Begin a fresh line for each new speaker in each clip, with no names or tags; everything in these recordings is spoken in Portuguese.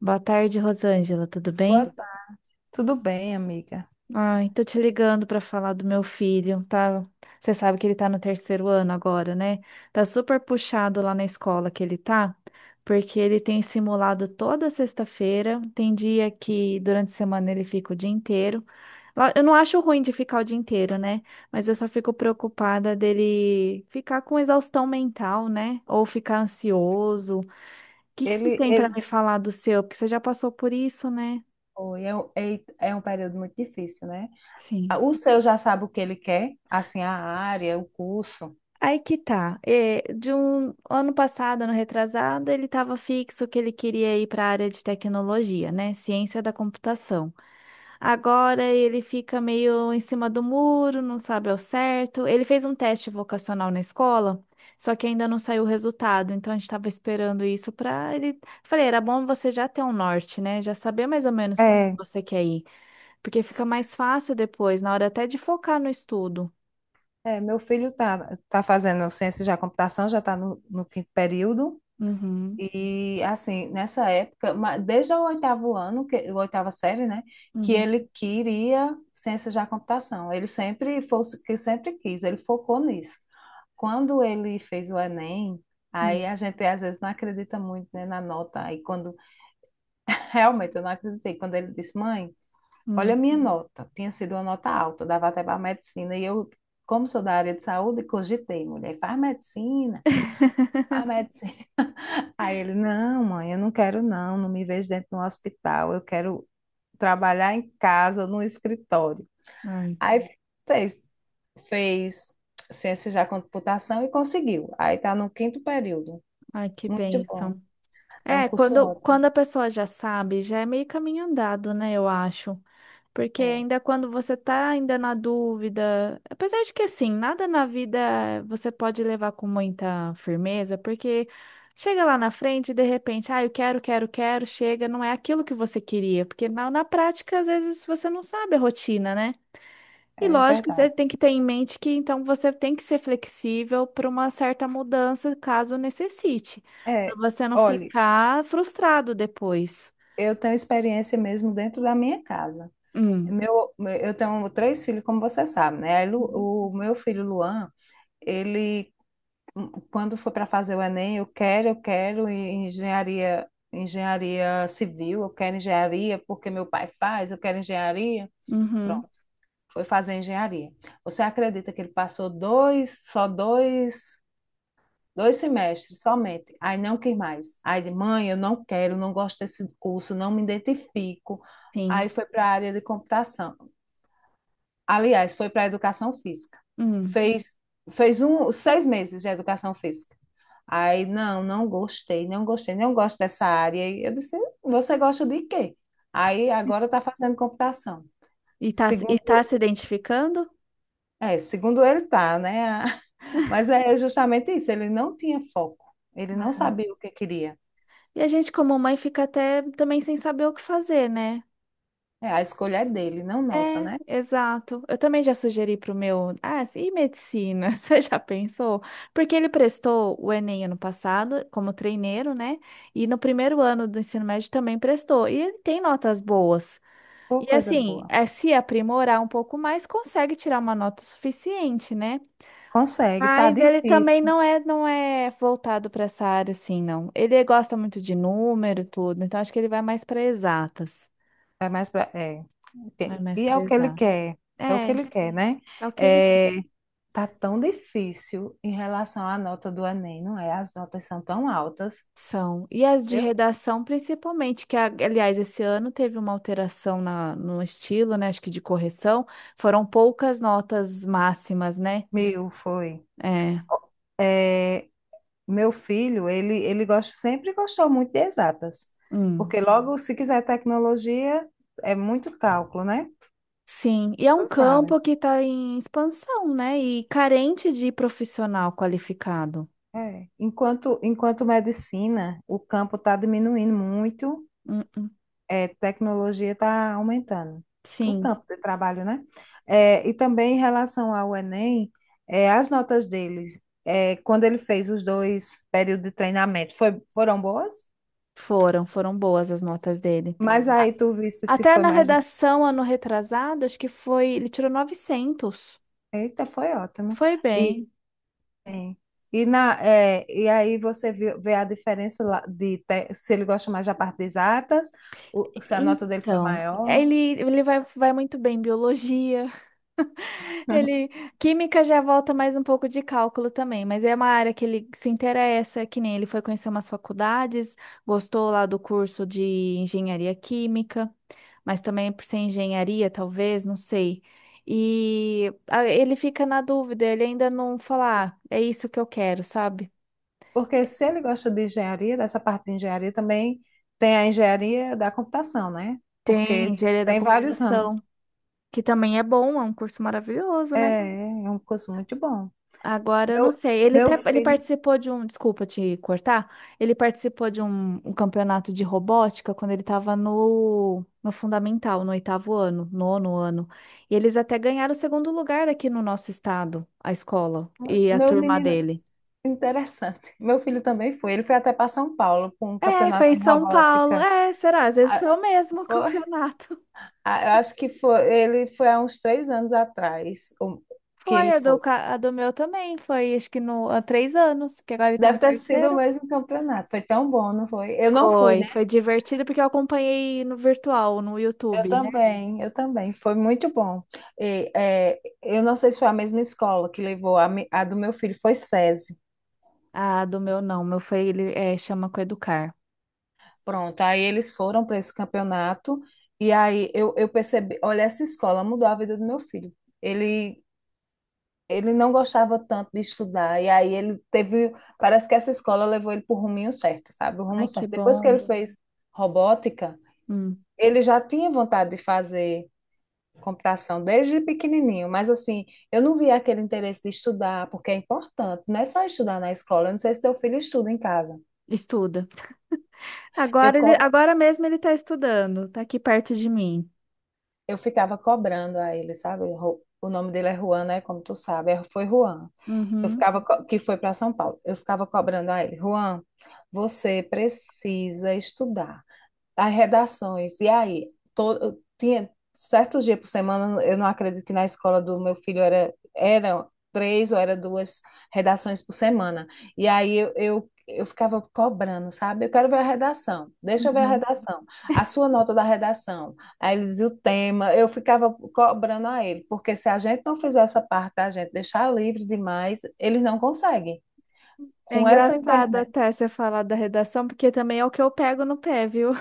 Boa tarde, Rosângela, tudo bem?
Boa tarde. Tudo bem, amiga?
Ai, tô te ligando pra falar do meu filho, tá? Você sabe que ele tá no terceiro ano agora, né? Tá super puxado lá na escola que ele tá, porque ele tem simulado toda sexta-feira, tem dia que durante a semana ele fica o dia inteiro. Eu não acho ruim de ficar o dia inteiro, né? Mas eu só fico preocupada dele ficar com exaustão mental, né? Ou ficar ansioso. O que que você
Ele,
tem pra
ele,
me falar do seu? Porque você já passou por isso, né?
Oi, é, um- é, é um período muito difícil, né? Ah,
Sim.
o seu já sabe o que ele quer, assim, a área, o curso.
Aí que tá. É, de um ano passado, ano retrasado, ele estava fixo que ele queria ir para a área de tecnologia, né? Ciência da computação. Agora ele fica meio em cima do muro, não sabe ao certo. Ele fez um teste vocacional na escola, só que ainda não saiu o resultado. Então a gente estava esperando isso para ele. Falei, era bom você já ter um norte, né? Já saber mais ou menos para onde
É,
você quer ir, porque fica mais fácil depois, na hora até de focar no estudo.
meu filho tá fazendo ciência da computação, já está no quinto período.
Uhum,
E assim, nessa época, desde o oitavo ano, que, o oitava série, né, que
uhum,
ele queria ciências da computação. Ele sempre fosse que sempre quis, ele focou nisso. Quando ele fez o Enem, aí
uhum.
a gente às vezes não acredita muito, né, na nota. Aí quando realmente eu não acreditei, quando ele disse: "Mãe, olha a
Uhum.
minha nota". Tinha sido uma nota alta, dava até para medicina e eu, como sou da área de saúde, cogitei, mulher, faz medicina, faz medicina. Aí ele, não, mãe, eu não quero não, não me vejo dentro de um hospital, eu quero trabalhar em casa, no escritório.
Ai,
Aí fez, fez ciência já com computação e conseguiu. Aí está no quinto período.
ai, que
Muito bom.
bênção.
É um
É,
curso
quando,
ótimo.
quando a pessoa já sabe, já é meio caminho andado, né? Eu acho. Porque
É,
ainda quando você tá ainda na dúvida, apesar de que assim, nada na vida você pode levar com muita firmeza, porque chega lá na frente e de repente, ah, eu quero, quero, quero, chega, não é aquilo que você queria, porque na prática às vezes você não sabe a rotina, né? E
é
lógico, você
verdade.
tem que ter em mente que então você tem que ser flexível para uma certa mudança, caso necessite, para
É,
você não
olhe,
ficar frustrado depois.
eu tenho experiência mesmo dentro da minha casa.
Hum.
Meu, eu tenho três filhos, como você sabe, né?
Uhum.
O meu filho Luan, ele quando for para fazer o Enem, eu quero, engenharia, engenharia civil, eu quero engenharia porque meu pai faz, eu quero engenharia.
Uhum.
Pronto, foi fazer engenharia. Você acredita que ele passou dois, dois semestres somente? Aí não quis mais. Aí, ele, mãe, eu não quero, não gosto desse curso, não me identifico.
Sim.
Aí foi para a área de computação. Aliás, foi para a educação física.
Hum.
Fez, seis meses de educação física. Aí, não, não gostei, não gostei, não gosto dessa área. E eu disse, você gosta de quê? Aí, agora está fazendo computação.
E
Segundo,
tá se identificando?
segundo ele tá, né? Mas é justamente isso, ele não tinha foco, ele não
É.
sabia o que queria.
E a gente, como mãe, fica até também sem saber o que fazer, né?
É, a escolha é dele, não nossa,
É,
né?
exato. Eu também já sugeri pro meu, ah, e medicina? Você já pensou? Porque ele prestou o Enem ano passado como treineiro, né? E no primeiro ano do ensino médio também prestou. E ele tem notas boas.
Pô,
E
coisa
assim,
boa.
é se aprimorar um pouco mais, consegue tirar uma nota suficiente, né?
Consegue, tá
Mas ele também
difícil.
não é voltado para essa área assim, não. Ele gosta muito de número e tudo, então acho que ele vai mais para exatas.
É mais pra, é.
Vai mais
E é
para
o que ele
exatas.
quer,
É,
é o que ele quer, né?
é o que ele.
É, tá tão difícil em relação à nota do Enem, não é? As notas são tão altas.
São. E as de
Meu,
redação, principalmente, que, aliás, esse ano teve uma alteração no estilo, né? Acho que de correção. Foram poucas notas máximas, né?
meu foi.
É.
É, meu filho, ele gosta, sempre gostou muito de exatas,
Hum.
porque logo, se quiser tecnologia, é muito cálculo, né?
Sim. E é um
Tu sabe.
campo que está em expansão, né? E carente de profissional qualificado.
É. Enquanto medicina, o campo está diminuindo muito,
Hum, hum.
é, tecnologia está aumentando. O
Sim,
campo de trabalho, né? É, e também em relação ao Enem, é, as notas deles, é, quando ele fez os dois períodos de treinamento, foram boas?
foram. Foram boas as notas dele.
Mas aí tu visse se
Até
foi
na
mais.
redação, ano retrasado, acho que foi. Ele tirou 900.
Eita, foi ótimo.
Foi
E,
bem.
e aí vê a diferença lá se ele gosta mais da parte de exatas, se a nota dele foi
Então,
maior.
ele vai, vai muito bem em biologia. Ele, química já volta mais um pouco de cálculo também, mas é uma área que ele se interessa, que nem ele foi conhecer umas faculdades, gostou lá do curso de engenharia química, mas também por ser engenharia, talvez, não sei. E ah, ele fica na dúvida, ele ainda não fala, "Ah, é isso que eu quero, sabe?"
Porque se ele gosta de engenharia, dessa parte de engenharia também tem a engenharia da computação, né?
Tem
Porque
engenharia da
tem vários ramos.
computação, que também é bom, é um curso maravilhoso,
É,
né?
é um curso muito bom.
Agora eu não
Meu,
sei. Ele
meu
até ele
filho,
participou de um, desculpa te cortar. Ele participou de um campeonato de robótica quando ele estava no fundamental, no oitavo ano, nono ano. E eles até ganharam o segundo lugar aqui no nosso estado, a escola e a
meu
turma
menino,
dele.
interessante. Meu filho também foi. Ele foi até para São Paulo para um
É, foi
campeonato
em
de
São Paulo.
robótica.
É, será? Às vezes
Ah,
foi o mesmo
foi?
campeonato.
Ah, eu acho que foi, ele foi há uns três anos atrás o- que
Foi,
ele
a do,
foi.
a do meu também. Foi, acho que no, há 3 anos, que agora ele tá
Deve
no
ter sido o
terceiro.
mesmo campeonato. Foi tão bom, não foi? Eu não fui,
Foi,
né?
foi divertido porque eu acompanhei no virtual, no YouTube.
Eu também. Foi muito bom. Eu não sei se foi a mesma escola que levou a do meu filho, foi SESI.
Ah, do meu não. Meu foi, ele é, chama Coeducar.
Pronto, aí eles foram para esse campeonato e aí eu percebi, olha, essa escola mudou a vida do meu filho. Ele ele não gostava tanto de estudar, e aí ele teve, parece que essa escola levou ele para o ruminho certo, sabe? O
Ai,
rumo
que
certo. Depois que
bom.
ele fez robótica,
Hum,
ele já tinha vontade de fazer computação desde pequenininho, mas assim, eu não via aquele interesse de estudar, porque é importante, não é só estudar na escola, eu não sei se teu filho estuda em casa.
estuda.
Eu,
Agora ele,
co-
agora mesmo ele tá estudando, tá aqui perto de mim.
eu ficava cobrando a ele, sabe? O nome dele é Juan, né? Como tu sabe, foi Juan.
Uhum,
Que foi para São Paulo. Eu ficava cobrando a ele, Juan, você precisa estudar as redações. E aí, tinha certos dias por semana, eu não acredito que na escola do meu filho era, eram três ou era duas redações por semana. E aí eu ficava cobrando, sabe? Eu quero ver a redação, deixa eu ver a
uhum.
redação, a sua nota da redação. Aí ele dizia o tema, eu ficava cobrando a ele, porque se a gente não fizer essa parte da gente deixar livre demais, eles não conseguem.
É
Com essa
engraçado
internet.
até você falar da redação, porque também é o que eu pego no pé, viu?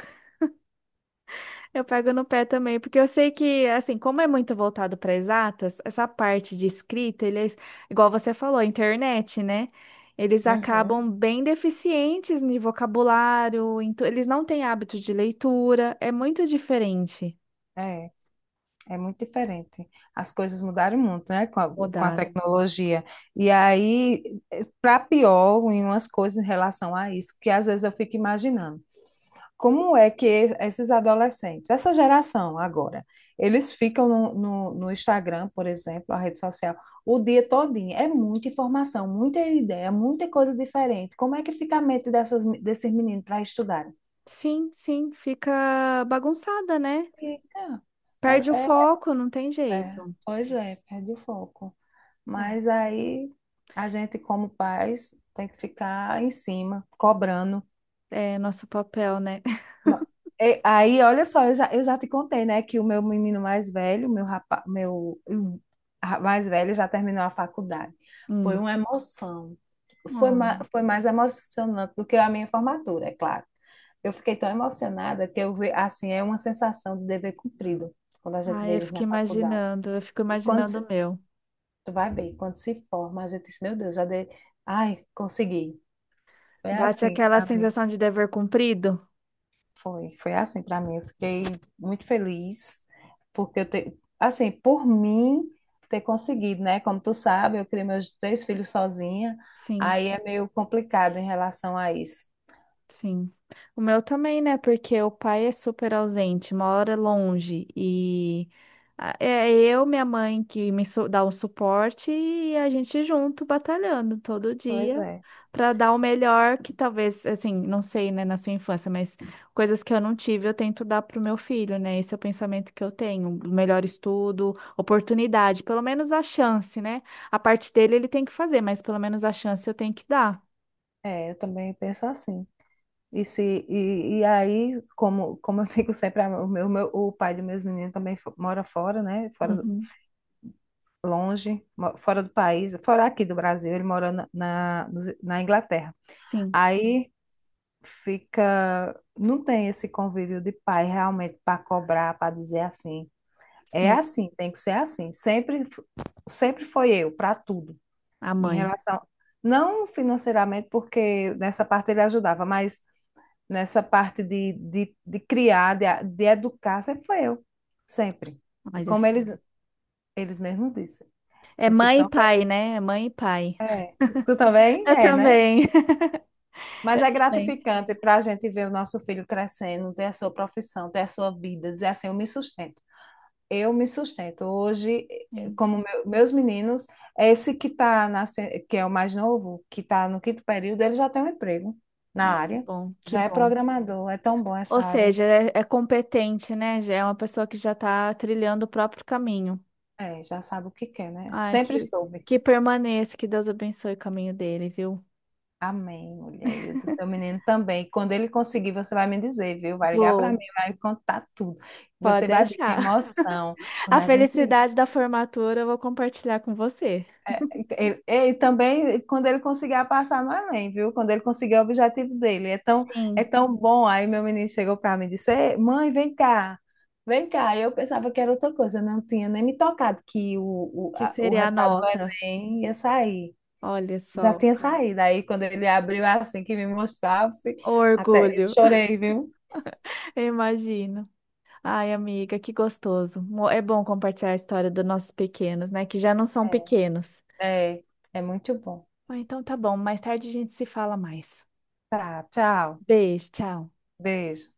Eu pego no pé também, porque eu sei que, assim, como é muito voltado para exatas, essa parte de escrita, eles, igual você falou, a internet, né? Eles
Uhum,
acabam bem deficientes em vocabulário, em eles não têm hábito de leitura, é muito diferente.
é. É muito diferente. As coisas mudaram muito, né, com com a
Mudaram.
tecnologia. E aí, para pior, em umas coisas em relação a isso, que às vezes eu fico imaginando. Como é que esses adolescentes, essa geração agora, eles ficam no Instagram, por exemplo, a rede social, o dia todinho? É muita informação, muita ideia, muita coisa diferente. Como é que fica a mente desses meninos para estudarem?
Sim, sim, fica bagunçada, né?
Fica. É,
Perde o foco, não tem
é.
jeito.
Pois é, perde o foco.
É,
Mas aí a gente, como pais, tem que ficar em cima, cobrando.
é nosso papel, né?
Ma- Aí, olha só, eu já te contei, né, que o meu menino mais velho, meu rapaz, meu ra- mais velho já terminou a faculdade. Foi
Hum.
uma emoção.
Hum.
Foi mais emocionante do que a minha formatura, é claro. Eu fiquei tão emocionada que eu vi, assim, é uma sensação de dever cumprido quando a gente vê
Ai,
eles na faculdade.
eu fico
E quando
imaginando o meu.
Tu vai bem quando se forma, a gente diz, meu Deus, já dei. Ai, consegui. Foi
Bate
assim
aquela
para mim.
sensação de dever cumprido?
Foi assim para mim. Eu fiquei muito feliz, porque eu te... assim, por mim ter conseguido, né? Como tu sabe, eu criei meus três filhos sozinha,
Sim.
aí é meio complicado em relação a isso.
Sim. O meu também, né? Porque o pai é super ausente, mora longe e é eu, minha mãe, que me dá o suporte e a gente junto batalhando todo
Pois
dia
é.
para dar o melhor que talvez, assim, não sei, né, na sua infância, mas coisas que eu não tive, eu tento dar pro meu filho, né? Esse é o pensamento que eu tenho, o melhor estudo, oportunidade, pelo menos a chance, né? A parte dele ele tem que fazer, mas pelo menos a chance eu tenho que dar.
É, eu também penso assim. E, se, e aí, como, como eu digo sempre, o pai dos meus meninos também mora fora, né? Fora,
Uhum.
longe, fora do país, fora aqui do Brasil, ele mora na Inglaterra.
Sim.
Aí fica, não tem esse convívio de pai realmente para cobrar, para dizer assim, é
Sim.
assim, tem que ser assim. Sempre foi eu para tudo,
A
em
mãe,
relação, não financeiramente, porque nessa parte ele ajudava, mas nessa parte de criar, de educar, sempre foi eu, sempre.
olha
Como
só.
eles, eles mesmos dizem.
É
Eu fico
mãe e
tão
pai, né? É mãe e pai.
É, tu também
Eu
é, né?
também.
Mas é
Também.
gratificante para a gente ver o nosso filho crescendo, ter a sua profissão, ter a sua vida, dizer assim, eu me sustento. Eu me sustento. Hoje,
Sim.
meus meninos, esse que tá nasce- que é o mais novo, que está no quinto período, ele já tem um emprego na
Ai, que
área,
bom, que
já é
bom.
programador, é tão bom
Ou
essa área.
seja, é competente, né? Já é uma pessoa que já está trilhando o próprio caminho.
É, já sabe o que quer, né?
Ai,
Sempre
que,
soube.
que permaneça, que Deus abençoe o caminho dele, viu?
Amém, mulher. E o do seu menino também. Quando ele conseguir, você vai me dizer, viu? Vai ligar para mim,
Vou,
vai me contar tudo.
pode
Você vai ver que
deixar.
emoção. Quando
A
a gente.
felicidade da formatura eu vou compartilhar com você.
é, ele- E também quando ele conseguir passar no Enem, viu? Quando ele conseguir o objetivo dele. É
Sim,
tão bom. Aí meu menino chegou para mim e disse: "Ei, Mãe, vem cá, vem cá. Eu pensava que era outra coisa. Eu não tinha nem me tocado que
que
o
seria a
resultado do
nota.
Enem ia sair.
Olha
Já
só,
tinha saído. Aí quando ele abriu assim que me mostrava,
o
até eu
orgulho,
chorei, viu?
eu imagino. Ai, amiga, que gostoso. É bom compartilhar a história dos nossos pequenos, né? Que já não são pequenos.
É, é é muito bom.
Ah, então tá bom, mais tarde a gente se fala mais.
Tá, tchau.
Beijo, tchau.
Beijo.